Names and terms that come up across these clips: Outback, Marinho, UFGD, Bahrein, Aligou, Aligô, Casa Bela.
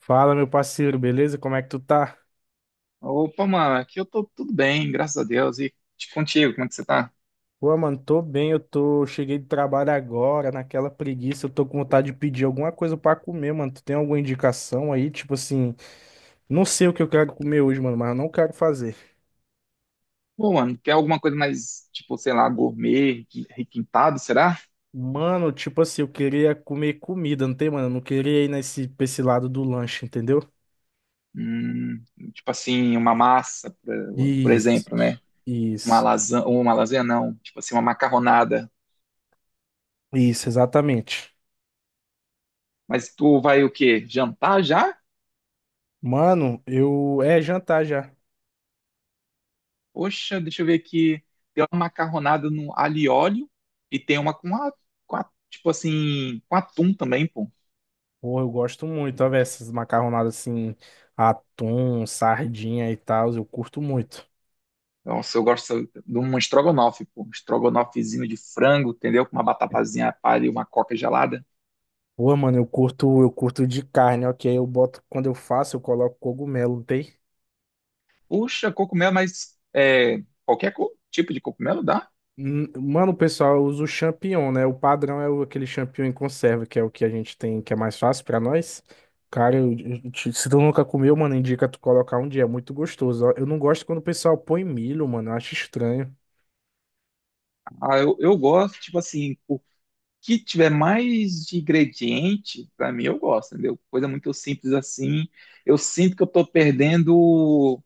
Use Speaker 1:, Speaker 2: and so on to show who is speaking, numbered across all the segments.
Speaker 1: Fala, meu parceiro, beleza? Como é que tu tá?
Speaker 2: Opa, mano, aqui eu tô tudo bem, graças a Deus. E contigo, como é que você tá?
Speaker 1: Pô, mano, tô bem, cheguei de trabalho agora, naquela preguiça, eu tô com vontade de pedir alguma coisa pra comer, mano. Tu tem alguma indicação aí? Tipo assim, não sei o que eu quero comer hoje, mano, mas eu não quero fazer.
Speaker 2: Pô, mano, quer alguma coisa mais, tipo, sei lá, gourmet, requintado, será?
Speaker 1: Mano, tipo assim, eu queria comer comida, não tem, mano? Eu não queria ir pra esse lado do lanche, entendeu?
Speaker 2: Hum, tipo assim, uma massa, por
Speaker 1: Isso,
Speaker 2: exemplo, né? Uma
Speaker 1: isso,
Speaker 2: lasanha, ou uma lasanha não, tipo assim, uma macarronada.
Speaker 1: isso, exatamente.
Speaker 2: Mas tu vai o quê? Jantar já?
Speaker 1: Mano, é jantar já.
Speaker 2: Poxa, deixa eu ver aqui. Tem uma macarronada no alho e óleo e tem uma tipo assim, com atum também, pô.
Speaker 1: Pô, eu gosto muito, ó, velho, essas macarronadas assim, atum, sardinha e tal, eu curto muito.
Speaker 2: Nossa, eu gosto de um estrogonofe, pô. Um estrogonofezinho de frango, entendeu? Com uma batapazinha palha e uma coca gelada.
Speaker 1: Pô, mano, eu curto de carne, ok? Eu boto, quando eu faço, eu coloco cogumelo, não tem?
Speaker 2: Puxa, cogumelo, mas é, qualquer tipo de cogumelo dá.
Speaker 1: Hum. Mano, pessoal, eu uso o champignon, né? O padrão é aquele champignon em conserva, que é o que a gente tem, que é mais fácil pra nós. Cara, se tu nunca comeu, mano, indica tu colocar um dia, é muito gostoso, ó. Eu não gosto quando o pessoal põe milho, mano, eu acho estranho.
Speaker 2: Ah, eu gosto, tipo assim, o que tiver mais de ingrediente, pra mim eu gosto, entendeu? Coisa muito simples assim. Eu sinto que eu tô perdendo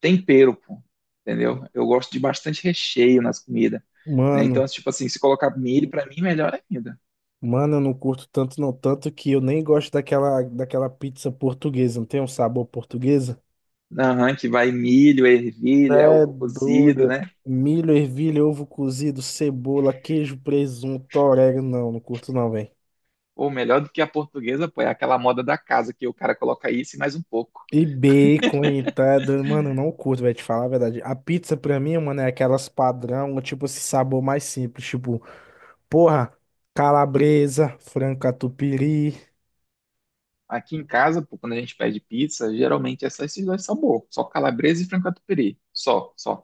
Speaker 2: tempero, pô. Entendeu? Eu gosto de bastante recheio nas comidas, né?
Speaker 1: Mano.
Speaker 2: Então, tipo assim, se colocar milho, pra mim, melhor ainda.
Speaker 1: Mano, eu não curto tanto, não. Tanto que eu nem gosto daquela pizza portuguesa. Não tem um sabor portuguesa?
Speaker 2: Aham, que vai milho, ervilha,
Speaker 1: É
Speaker 2: ovo cozido,
Speaker 1: dura.
Speaker 2: né?
Speaker 1: Milho, ervilha, ovo cozido, cebola, queijo, presunto, orégano. Não, não curto, não, velho.
Speaker 2: Ou melhor do que a portuguesa, pô, é aquela moda da casa que o cara coloca isso e mais um pouco.
Speaker 1: E bacon e tá doido. Mano, eu não curto, velho, te falar a verdade. A pizza pra mim, mano, é aquelas padrão, tipo esse sabor mais simples. Tipo, porra, calabresa, frango catupiry.
Speaker 2: Aqui em casa, pô, quando a gente pede pizza, geralmente esses dois são bons, só calabresa e frango catupiry, só, só.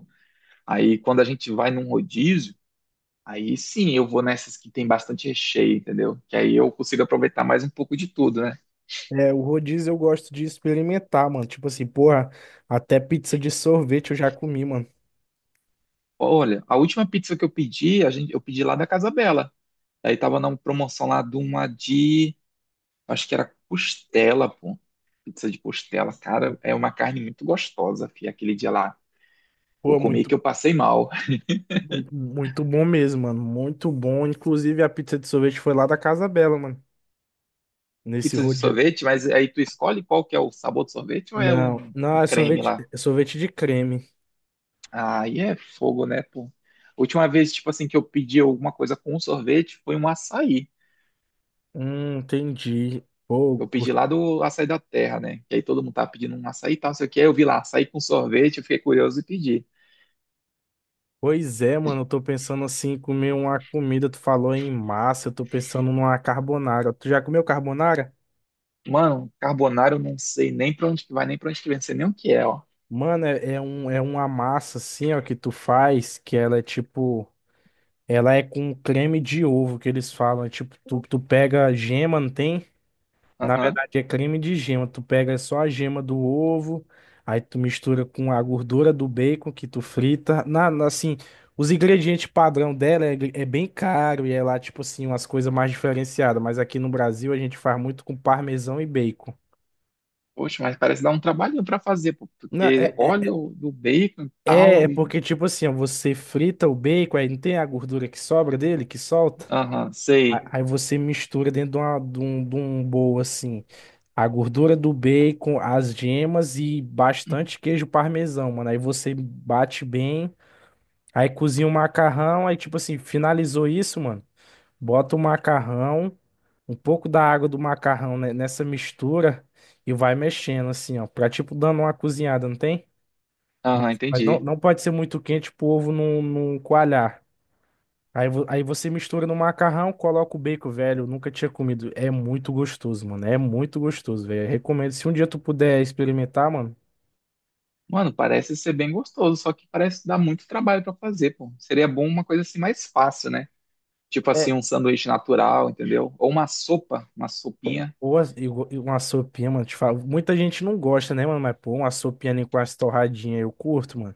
Speaker 2: Aí quando a gente vai num rodízio, aí sim eu vou nessas que tem bastante recheio, entendeu? Que aí eu consigo aproveitar mais um pouco de tudo, né?
Speaker 1: É, o rodízio eu gosto de experimentar, mano. Tipo assim, porra, até pizza de sorvete eu já comi, mano.
Speaker 2: Olha, a última pizza que eu pedi, a gente, eu pedi lá da Casa Bela. Aí tava na promoção lá de uma de Acho que era costela, pô. Pizza de costela, cara, é uma carne muito gostosa, fi. Aquele dia lá eu
Speaker 1: Pô,
Speaker 2: comi que
Speaker 1: muito,
Speaker 2: eu passei mal.
Speaker 1: muito, muito bom mesmo, mano. Muito bom. Inclusive, a pizza de sorvete foi lá da Casa Bela, mano. Nesse
Speaker 2: Pizza de
Speaker 1: rodízio.
Speaker 2: sorvete, mas aí tu escolhe qual que é o sabor do sorvete ou é
Speaker 1: Não, não,
Speaker 2: um creme lá?
Speaker 1: é sorvete de creme.
Speaker 2: Aí é fogo, né, pô? Última vez, tipo assim, que eu pedi alguma coisa com sorvete foi um açaí.
Speaker 1: Entendi. Pô,
Speaker 2: Eu pedi
Speaker 1: curto.
Speaker 2: lá do açaí da terra, né? Que aí todo mundo tava pedindo um açaí e tal, não sei o que. Aí eu vi lá açaí com sorvete, eu fiquei curioso e pedi.
Speaker 1: Pois é, mano. Eu tô pensando assim, em comer uma comida. Tu falou em massa, eu tô pensando numa carbonara. Tu já comeu carbonara?
Speaker 2: Mano, carbonara eu não sei nem pra onde que vai, nem pra onde que vem, não sei nem o que é, ó.
Speaker 1: Mano, é uma massa assim, ó, que tu faz, que ela é tipo. Ela é com creme de ovo, que eles falam. É tipo, tu pega a gema, não tem? Na
Speaker 2: Aham.
Speaker 1: verdade, é creme de gema. Tu pega só a gema do ovo, aí tu mistura com a gordura do bacon que tu frita. Assim, os ingredientes padrão dela é bem caro e é lá, tipo assim, umas coisas mais diferenciadas. Mas aqui no Brasil a gente faz muito com parmesão e bacon.
Speaker 2: Poxa, mas parece dar um trabalhinho para fazer, pô, porque
Speaker 1: É.
Speaker 2: óleo do bacon e
Speaker 1: É, é
Speaker 2: tal. E-
Speaker 1: porque, tipo assim, ó, você frita o bacon, aí não tem a gordura que sobra dele, que solta?
Speaker 2: Aham, sei.
Speaker 1: Aí você mistura dentro de um bowl, assim, a gordura do bacon, as gemas e bastante queijo parmesão, mano. Aí você bate bem, aí cozinha o macarrão, aí, tipo assim, finalizou isso, mano. Bota o macarrão, um pouco da água do macarrão, né, nessa mistura e vai mexendo, assim, ó, pra, tipo, dando uma cozinhada, não tem? Mas,
Speaker 2: Aham,
Speaker 1: mas não,
Speaker 2: entendi.
Speaker 1: não pode ser muito quente pro ovo não, não coalhar. Aí você mistura no macarrão, coloca o bacon, velho. Eu nunca tinha comido. É muito gostoso, mano. É muito gostoso, velho. Eu recomendo. Se um dia tu puder experimentar, mano.
Speaker 2: Mano, parece ser bem gostoso, só que parece dar muito trabalho para fazer, pô. Seria bom uma coisa assim mais fácil, né? Tipo
Speaker 1: É.
Speaker 2: assim, um sanduíche natural, entendeu? Ou uma sopa, uma sopinha.
Speaker 1: Ou as- e go- e uma sopinha, mano. Te falo. Muita gente não gosta, né, mano? Mas, pô, uma sopinha ali com as torradinhas, eu curto, mano.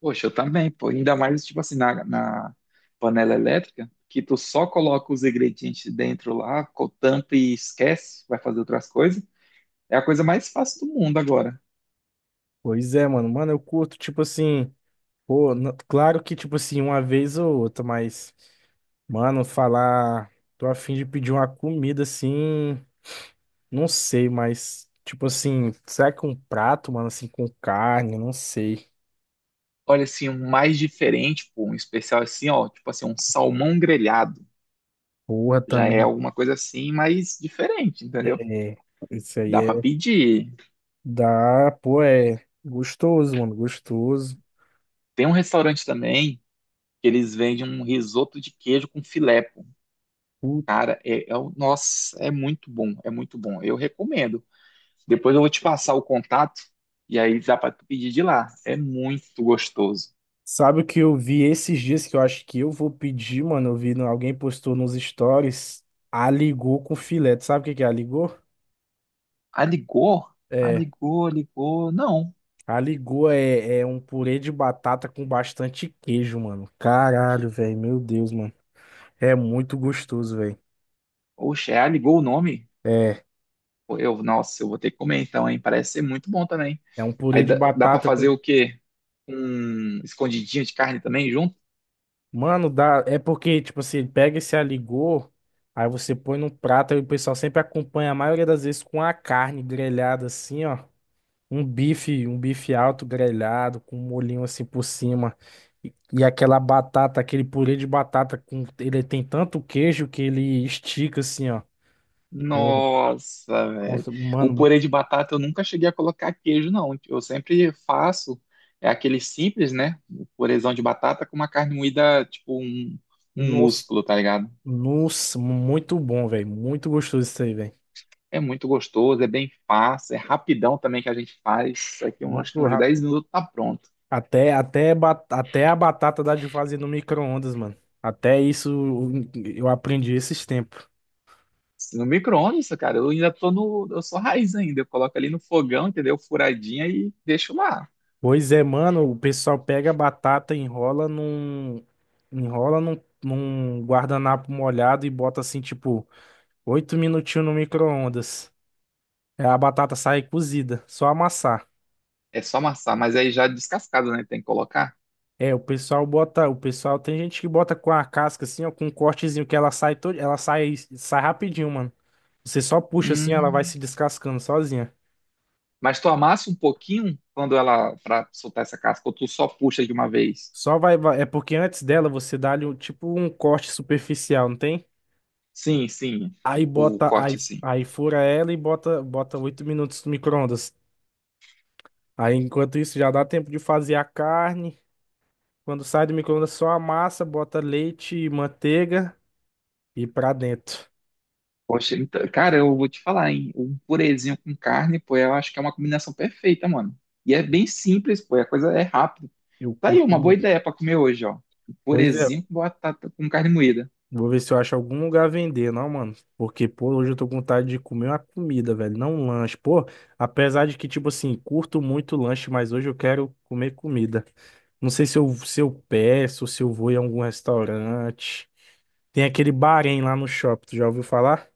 Speaker 2: Poxa, eu também, pô. Ainda mais, tipo assim, na panela elétrica, que tu só coloca os ingredientes dentro lá, tampa e esquece, vai fazer outras coisas. É a coisa mais fácil do mundo agora.
Speaker 1: Pois é, mano. Mano, eu curto, tipo assim. Pô, claro que, tipo assim, uma vez ou outra, mas. Mano, falar. Tô a fim de pedir uma comida assim. Não sei, mas, tipo assim, será que um prato, mano, assim, com carne? Não sei.
Speaker 2: Olha, assim, um mais diferente, pô, um especial assim, ó, tipo assim, um salmão grelhado.
Speaker 1: Porra,
Speaker 2: Já é
Speaker 1: também.
Speaker 2: alguma coisa assim, mas diferente, entendeu?
Speaker 1: É. Isso aí
Speaker 2: Dá pra
Speaker 1: é.
Speaker 2: pedir.
Speaker 1: Dá. Pô, é. Gostoso, mano, gostoso.
Speaker 2: Tem um restaurante também que eles vendem um risoto de queijo com filé, pô.
Speaker 1: Putz.
Speaker 2: Cara, nossa, é muito bom, é muito bom. Eu recomendo. Depois eu vou te passar o contato e aí dá pra tu pedir de lá. É muito gostoso.
Speaker 1: Sabe o que eu vi esses dias que eu acho que eu vou pedir, mano? Eu vi, alguém postou nos stories. Aligô com filé. Tu sabe o que que é aligô?
Speaker 2: Aligou?
Speaker 1: É.
Speaker 2: Aligou, ligou. Não.
Speaker 1: Aligô é um purê de batata com bastante queijo, mano. Caralho, velho. Meu Deus, mano. É muito gostoso, velho.
Speaker 2: Oxe, é Aligou o nome?
Speaker 1: É,
Speaker 2: Eu, nossa, eu vou ter que comer então, hein? Parece ser muito bom também.
Speaker 1: É um
Speaker 2: Aí
Speaker 1: purê de
Speaker 2: dá pra
Speaker 1: batata com.
Speaker 2: fazer o quê? Um escondidinho de carne também junto?
Speaker 1: Mano, dá. É porque, tipo assim, ele pega esse aligô, aí você põe num prato, aí o pessoal sempre acompanha, a maioria das vezes, com a carne grelhada assim, ó. Um bife alto grelhado, com um molhinho assim por cima. E aquela batata, aquele purê de batata com. Ele tem tanto queijo que ele estica assim, ó. Pô,
Speaker 2: Nossa, velho.
Speaker 1: nossa,
Speaker 2: O
Speaker 1: mano, muito.
Speaker 2: purê de batata eu nunca cheguei a colocar queijo, não. Eu sempre faço, é aquele simples, né? O purêzão de batata com uma carne moída, tipo um, um
Speaker 1: Nossa,
Speaker 2: músculo, tá ligado?
Speaker 1: nossa, muito bom, velho. Muito gostoso isso aí, velho.
Speaker 2: É muito gostoso, é bem fácil, é rapidão também que a gente faz. Isso aqui, eu acho que
Speaker 1: Muito.
Speaker 2: uns 10 minutos tá pronto.
Speaker 1: Até a batata dá de fazer no micro-ondas, mano. Até isso eu aprendi esses tempos.
Speaker 2: No micro-ondas, cara, eu ainda tô no. Eu sou raiz ainda. Eu coloco ali no fogão, entendeu? Furadinha e deixo lá.
Speaker 1: Pois é, mano, o pessoal pega a batata, enrola num guardanapo molhado e bota assim, tipo, 8 minutinhos no micro-ondas. É. A batata sai cozida, só amassar.
Speaker 2: É só amassar, mas aí já é descascado, né? Tem que colocar.
Speaker 1: É, o pessoal bota, o pessoal tem gente que bota com a casca assim, ó, com um cortezinho que ela sai, todo, sai rapidinho, mano. Você só puxa assim, ela vai
Speaker 2: Hum.
Speaker 1: se descascando sozinha.
Speaker 2: Mas tu amassa um pouquinho quando ela. Pra soltar essa casca, ou tu só puxa de uma vez?
Speaker 1: É porque antes dela você dá-lhe tipo um corte superficial, não tem?
Speaker 2: Sim, sim.
Speaker 1: Aí
Speaker 2: O
Speaker 1: bota. Aí,
Speaker 2: corte, sim.
Speaker 1: aí fura ela e bota 8 minutos no micro-ondas. Aí enquanto isso já dá tempo de fazer a carne. Quando sai do micro-ondas, só a massa, bota leite e manteiga e pra dentro.
Speaker 2: Poxa, então, cara, eu vou te falar, hein? Um purezinho com carne, pô, eu acho que é uma combinação perfeita, mano. E é bem simples, pô, a coisa é rápida.
Speaker 1: Eu
Speaker 2: Tá aí,
Speaker 1: curto
Speaker 2: uma boa
Speaker 1: muito.
Speaker 2: ideia pra comer hoje, ó. Um
Speaker 1: Pois é.
Speaker 2: purezinho com batata, com carne moída.
Speaker 1: Vou ver se eu acho algum lugar a vender, não, mano. Porque, pô, hoje eu tô com vontade de comer uma comida, velho, não um lanche. Pô, apesar de que, tipo assim, curto muito lanche, mas hoje eu quero comer comida. Não sei se eu peço, se eu vou em algum restaurante. Tem aquele Bahrein lá no shopping, tu já ouviu falar?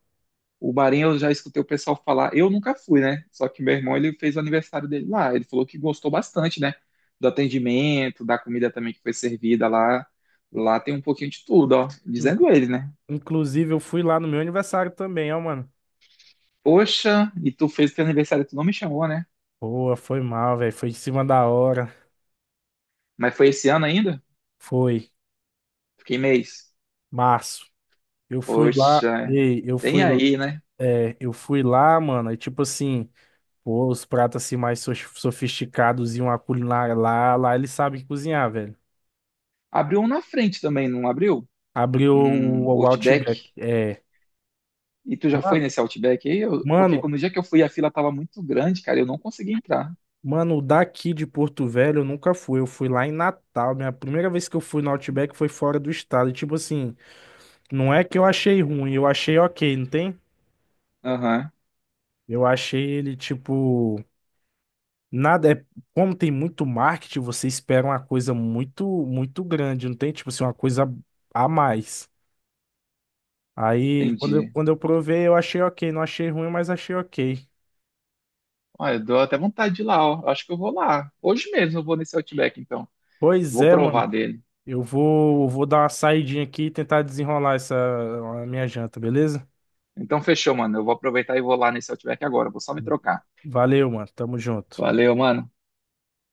Speaker 2: O Marinho eu já escutei o pessoal falar, eu nunca fui, né? Só que meu irmão ele fez o aniversário dele lá, ele falou que gostou bastante, né? Do atendimento, da comida também que foi servida lá. Lá tem um pouquinho de tudo, ó.
Speaker 1: In-
Speaker 2: Dizendo ele, né?
Speaker 1: Inclusive, eu fui lá no meu aniversário também, ó, mano.
Speaker 2: Poxa, e tu fez o teu aniversário, tu não me chamou, né?
Speaker 1: Boa, foi mal, velho. Foi em cima da hora.
Speaker 2: Mas foi esse ano ainda?
Speaker 1: Foi
Speaker 2: Fiquei mês.
Speaker 1: março. Eu fui lá,
Speaker 2: Poxa,
Speaker 1: ei, eu
Speaker 2: bem
Speaker 1: fui,
Speaker 2: aí, né?
Speaker 1: é, Eu fui lá, mano. E tipo assim. Pô, os pratos assim mais sofisticados e uma culinária lá, lá ele sabe cozinhar, velho.
Speaker 2: Abriu um na frente também, não abriu?
Speaker 1: Abriu
Speaker 2: Um
Speaker 1: o
Speaker 2: Outback.
Speaker 1: Outback. É.
Speaker 2: E tu já foi
Speaker 1: Mano,
Speaker 2: nesse Outback aí? Eu- porque
Speaker 1: mano,
Speaker 2: quando o dia que eu fui a fila tava muito grande, cara, eu não consegui entrar.
Speaker 1: Mano, daqui de Porto Velho eu nunca fui. Eu fui lá em Natal. Minha primeira vez que eu fui no Outback foi fora do estado. E, tipo assim, não é que eu achei ruim, eu achei ok, não tem?
Speaker 2: Aham,
Speaker 1: Eu achei ele, tipo. Nada é. Como tem muito marketing, você espera uma coisa muito, muito grande, não tem? Tipo assim, uma coisa a mais. Aí,
Speaker 2: entendi.
Speaker 1: quando eu provei, eu achei ok. Não achei ruim, mas achei ok.
Speaker 2: Olha, eu dou até vontade de ir lá, ó. Eu acho que eu vou lá. Hoje mesmo eu vou nesse Outback, então.
Speaker 1: Pois
Speaker 2: Vou
Speaker 1: é,
Speaker 2: provar
Speaker 1: mano.
Speaker 2: dele.
Speaker 1: Vou dar uma saidinha aqui e tentar desenrolar essa a minha janta, beleza?
Speaker 2: Então fechou, mano. Eu vou aproveitar e vou lá nesse Outback agora. Vou só me trocar.
Speaker 1: Valeu, mano. Tamo junto.
Speaker 2: Valeu, mano.